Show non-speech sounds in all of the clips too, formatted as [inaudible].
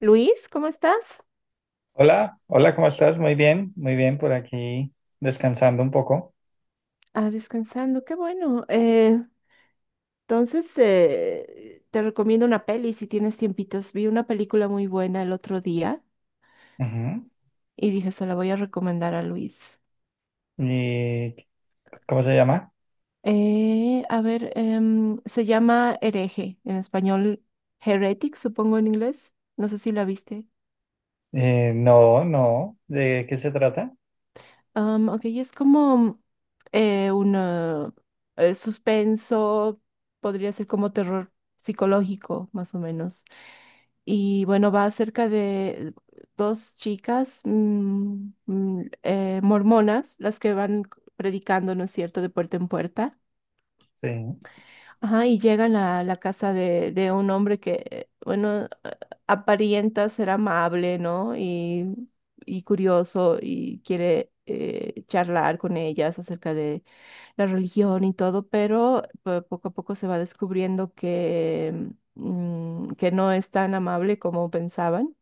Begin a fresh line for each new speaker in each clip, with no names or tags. Luis, ¿cómo estás?
Hola, hola, ¿cómo estás? Muy bien, por aquí descansando un poco.
Ah, descansando, qué bueno. Entonces, te recomiendo una peli si tienes tiempitos. Vi una película muy buena el otro día
Ujú.
y dije, se la voy a recomendar a Luis.
¿Y cómo se llama?
A ver, se llama Hereje, en español Heretic, supongo en inglés. No sé si la viste.
No, no, ¿de qué se trata?
Ok, es como un suspenso, podría ser como terror psicológico, más o menos. Y bueno, va acerca de dos chicas mormonas, las que van predicando, ¿no es cierto?, de puerta en puerta.
Sí.
Ajá, y llegan a la casa de un hombre que, bueno, aparenta ser amable, ¿no? Y curioso y quiere charlar con ellas acerca la religión y todo, pero poco a poco se va descubriendo que no es tan amable como pensaban.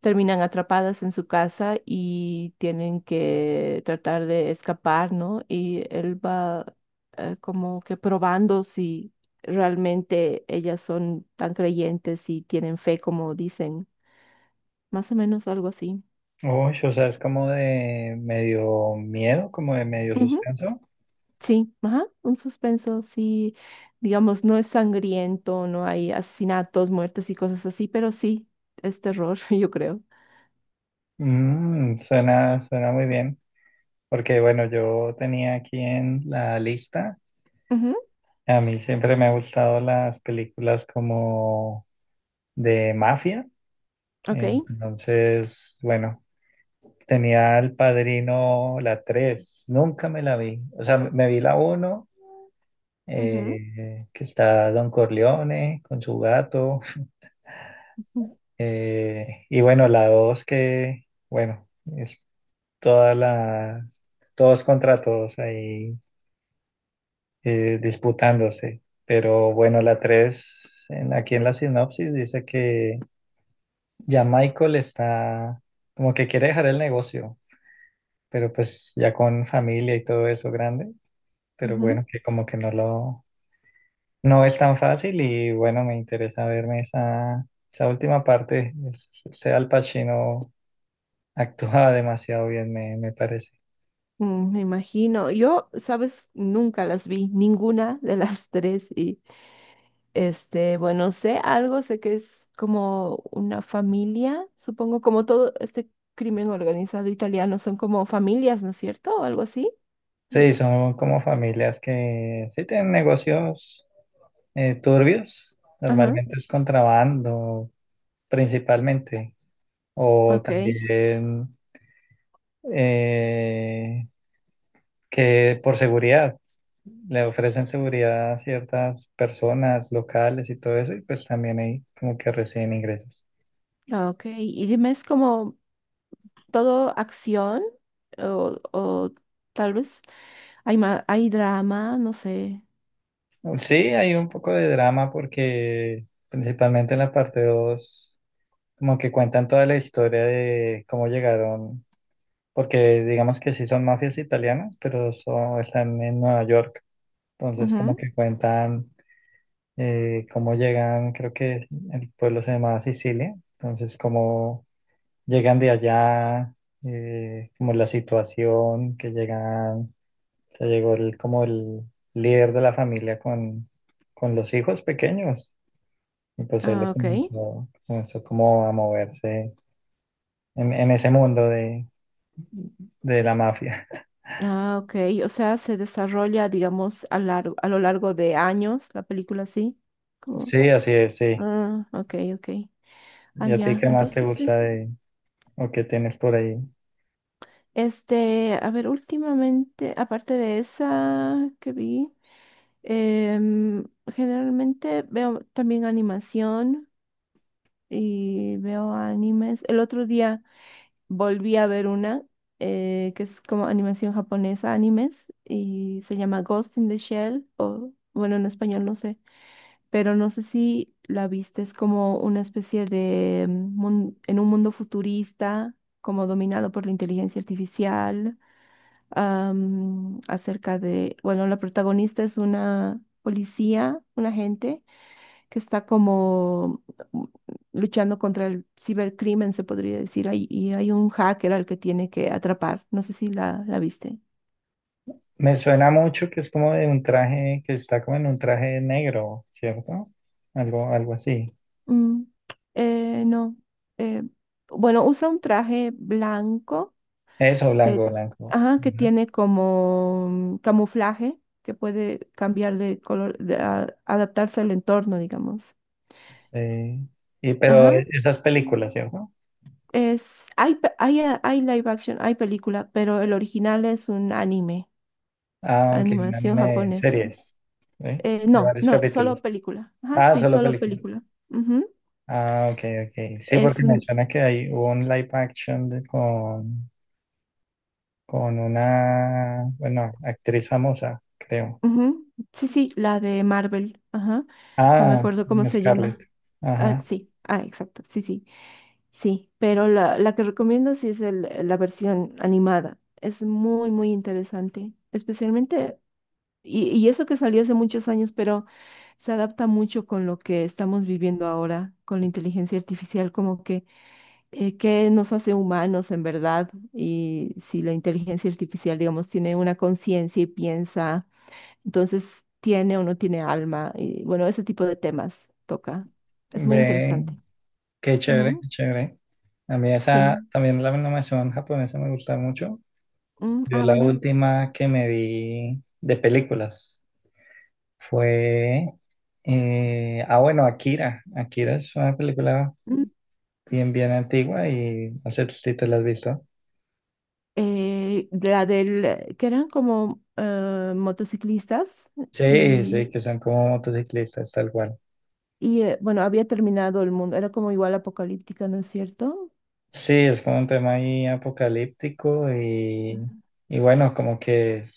Terminan atrapadas en su casa y tienen que tratar de escapar, ¿no? Y él va como que probando si realmente ellas son tan creyentes y tienen fe como dicen, más o menos algo así.
Uy, o sea, es como de medio miedo, como de medio suspenso.
Sí, ajá, un suspenso, sí, digamos, no es sangriento, no hay asesinatos, muertes y cosas así, pero sí, es terror, [laughs] yo creo.
Suena, suena muy bien, porque bueno, yo tenía aquí en la lista,
Ujú,
a mí siempre me han gustado las películas como de mafia,
ok.
entonces, bueno. Tenía El Padrino, la 3 nunca me la vi. O sea, me vi la uno
Ujú,
que está Don Corleone con su gato,
ujú,
y bueno, la 2 que, bueno, es todas las, todos contra todos ahí disputándose. Pero bueno, la 3 aquí en la sinopsis dice que ya Michael está como que quiere dejar el negocio, pero pues ya con familia y todo eso grande, pero
ujú.
bueno, que como que no lo, no es tan fácil, y bueno, me interesa verme esa, esa última parte. Sea, Al Pacino [laughs] actúa demasiado bien, me parece.
Mm, me imagino. Yo, sabes, nunca las vi, ninguna de las [laughs] tres. Y este, bueno, sé algo, sé que es como una familia, supongo, como todo este crimen organizado italiano, son como familias, ¿no es cierto? O algo así.
Sí,
De-
son como familias que sí tienen negocios turbios,
Ajá,
normalmente es contrabando principalmente, o
ok.
también… eh, que por seguridad le ofrecen seguridad a ciertas personas locales y todo eso, y pues también ahí como que reciben ingresos.
Ah, ok, y dime, ¿es como todo acción o tal vez hay, hay drama, no sé?
Sí, hay un poco de drama porque principalmente en la parte 2 como que cuentan toda la historia de cómo llegaron, porque digamos que sí son mafias italianas, pero son, están en Nueva York, entonces como
Ujú.
que cuentan cómo llegan. Creo que el pueblo se llamaba Sicilia, entonces como llegan de allá, como la situación, que llegan, que llegó el, como el líder de la familia con los hijos pequeños. Y pues él le
Ah, ok.
comenzó, comenzó como a moverse en ese mundo de la mafia. [laughs]
Ah, ok. O sea, se desarrolla, digamos, a, largo, a lo largo de años la película, ¿sí? Como,
Sí, así es, sí.
ah, ok, ok.
¿Y
Ah,
a ti
ya,
qué más te
entonces sí.
gusta de, o qué tienes por ahí?
Este, a ver, últimamente, aparte de esa que vi, generalmente veo también animación, y veo animes. El otro día volví a ver una que es como animación japonesa, animes, y se llama Ghost in the Shell, o bueno, en español no sé, pero no sé si la viste, es como una especie de en un mundo futurista, como dominado por la inteligencia artificial, acerca de, bueno, la protagonista es una policía, un agente que está como luchando contra el cibercrimen, se podría decir, ahí, y hay un hacker al que tiene que atrapar. No sé si la viste.
Me suena mucho que es como de un traje, que está como en un traje negro, ¿cierto? Algo, algo así.
Mm, no. eh, bueno, usa un traje blanco
Eso,
que,
blanco, blanco.
ajá, que
Ujú.
tiene como camuflaje, que puede cambiar de color, de, adaptarse al entorno, digamos.
Sí. Y pero
Ajá.
esas
Mm.
películas, ¿cierto?
Es, hay, pe- hay, Hay live action, hay película, pero el original es un anime.
Ah, ok, un
Animación
anime de
japonesa.
series, ¿sí? De
No,
varios
no,
capítulos.
solo película. Ajá,
Ah,
sí,
solo
solo
películas.
película. Ujú.
Ah, ok, ok. Sí,
Es,
porque me
mm,
suena que hay hubo un live action con una, bueno, actriz famosa, creo.
Ujú. Sí, sí, la de Marvel. Ajá. No me
Ah,
acuerdo cómo se
Scarlett.
llama. Ah,
Ajá.
sí, ah, exacto, sí, sí. Sí, pero la que recomiendo sí es la versión animada. Es muy, muy interesante. Especialmente, y eso que salió hace muchos años, pero se adapta mucho con lo que estamos viviendo ahora, con la inteligencia artificial, como que qué nos hace humanos en verdad y si la inteligencia artificial, digamos, tiene una conciencia y piensa, entonces tiene o no tiene alma y bueno, ese tipo de temas toca. Es muy
Ve,
interesante.
qué chévere, qué
Ujú,
chévere. A mí esa,
sí.
también la animación japonesa me gusta mucho.
Mm,
Yo
ah,
la
bueno.
última que me vi de películas fue, bueno, Akira. Akira es una película
Mm,
bien, bien antigua y no sé si te la has visto.
la del, que eran como motociclistas
Sí,
y,
sí, que son como motociclistas, tal cual.
y bueno, había terminado el mundo, era como igual apocalíptica, ¿no es cierto?
Sí, es como un tema ahí apocalíptico, y,
Ujú.
y bueno, como que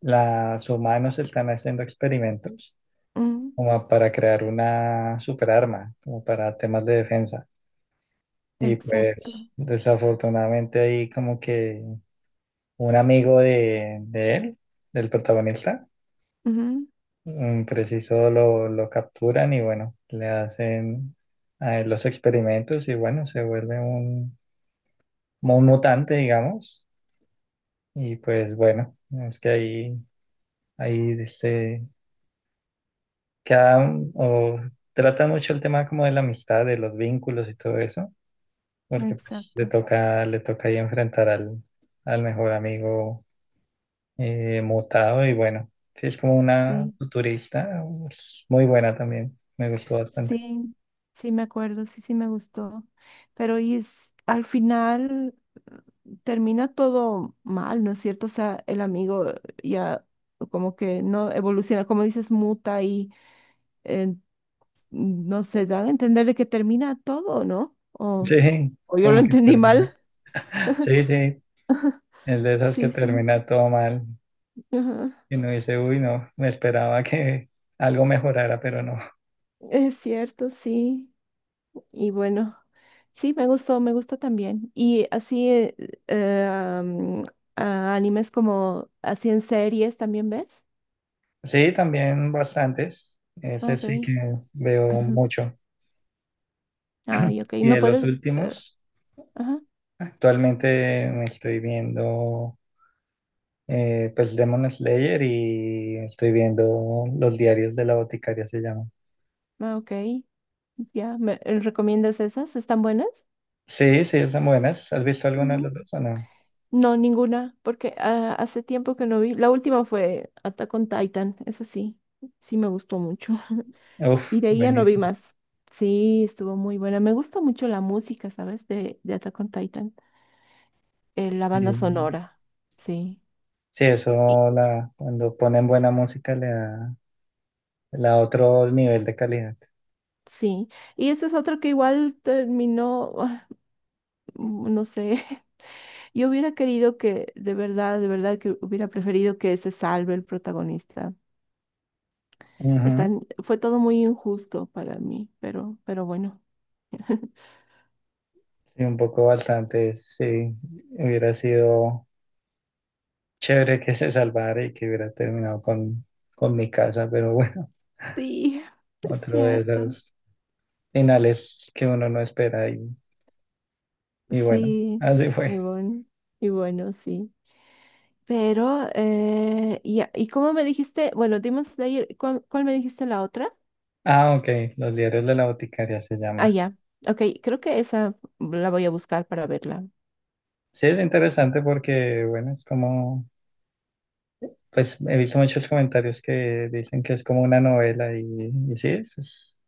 los humanos están haciendo experimentos
Mm,
como para crear una superarma, como para temas de defensa. Y
exacto.
pues desafortunadamente ahí como que un amigo de él, del protagonista,
Ujú,
preciso lo capturan, y bueno, le hacen a él los experimentos, y bueno, se vuelve un, como un mutante, digamos. Y pues bueno, es que ahí, ahí se queda o trata mucho el tema como de la amistad, de los vínculos y todo eso, porque pues
exacto.
le toca ahí enfrentar al, al mejor amigo mutado, y bueno, sí, es como una
Sí,
futurista pues, muy buena también, me gustó bastante.
sí, sí me acuerdo, sí, sí me gustó. Pero y es, al final eh, termina todo mal, ¿no es cierto? O sea, el amigo ya como que no evoluciona, como dices, muta y eh, no se da a entender de que termina todo, ¿no?
Sí,
O yo lo
como que
entendí mal.
termina. Sí, sí, es de
[laughs]
esas que
Sí, sí.
termina todo mal
Ajá.
y uno dice, uy, no, me esperaba que algo mejorara, pero no.
Es cierto, sí. Y bueno, sí, me gustó, me gusta también. Y así, eh, mm, animes como así en series también ves.
Sí, también bastantes, ese sí que
Ok.
veo
[clears throat]
mucho.
Ay, ok.
Y
¿Me
de los
puedes? eh,
últimos,
ajá.
actualmente me estoy viendo pues Demon Slayer, y estoy viendo Los Diarios de la Boticaria, se llama.
Ah, ok. Ya, ¿me recomiendas esas? ¿Están buenas?
Sí, sí, son buenas. ¿Has visto alguna de las
Ujú.
dos o no?
No, ninguna, porque ah, hace tiempo que no vi. La última fue Attack on Titan, esa sí, sí me gustó mucho. [laughs]
Uf,
Y de ahí ya no vi
buenísimo.
más. Sí, estuvo muy buena. Me gusta mucho la música, ¿sabes? De Attack on Titan. La
Sí,
banda sonora, sí.
sí,
Y-
eso la, cuando ponen buena música le da otro nivel de calidad.
Sí, y esa es otra que igual terminó, ah, mm, no sé, [laughs] yo hubiera querido que, de verdad que hubiera preferido que se salve el protagonista.
Ujú.
Están, fue todo muy injusto para mí, pero bueno. [laughs]
Sí, un poco bastante, sí. Hubiera sido chévere que se salvara y que hubiera terminado con mi casa, pero bueno,
Sí, es
otro de
cierto.
esos finales que uno no espera, y bueno,
Sí,
así
y
fue.
bueno, y bueno, sí. Pero, ya, ¿y cómo me dijiste? Bueno, Demon Slayer, ¿cuál, cuál me dijiste la otra?
Ah, ok, Los Diarios de la Boticaria se
Ah,
llama.
ya. Ok, creo que esa la voy a buscar para verla.
Sí, es interesante porque, bueno, es como… Pues he visto muchos comentarios que dicen que es como una novela, y sí,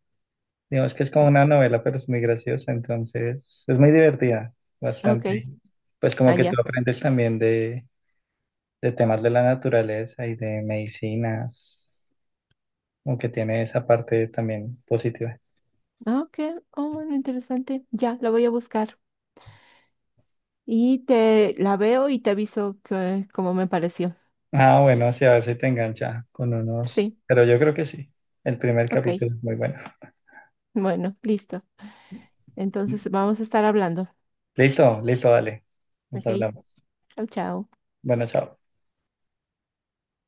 digamos que es como una novela, pero es muy graciosa, entonces es muy divertida, bastante.
Ok,
Y pues
ah,
como que tú
ya.
aprendes también de temas de la naturaleza y de medicinas, como que tiene esa parte también positiva.
Ah, ok, oh, bueno, interesante. Ya, la voy a buscar. Y te la veo y te aviso que, cómo me pareció.
Ah, bueno, sí, a ver si te engancha con unos,
Sí,
pero yo creo que sí, el primer
ok.
capítulo es muy bueno.
Bueno, listo. Entonces vamos a estar hablando.
Listo, listo, dale, nos
Ok,
hablamos.
chao, chao.
Bueno, chao.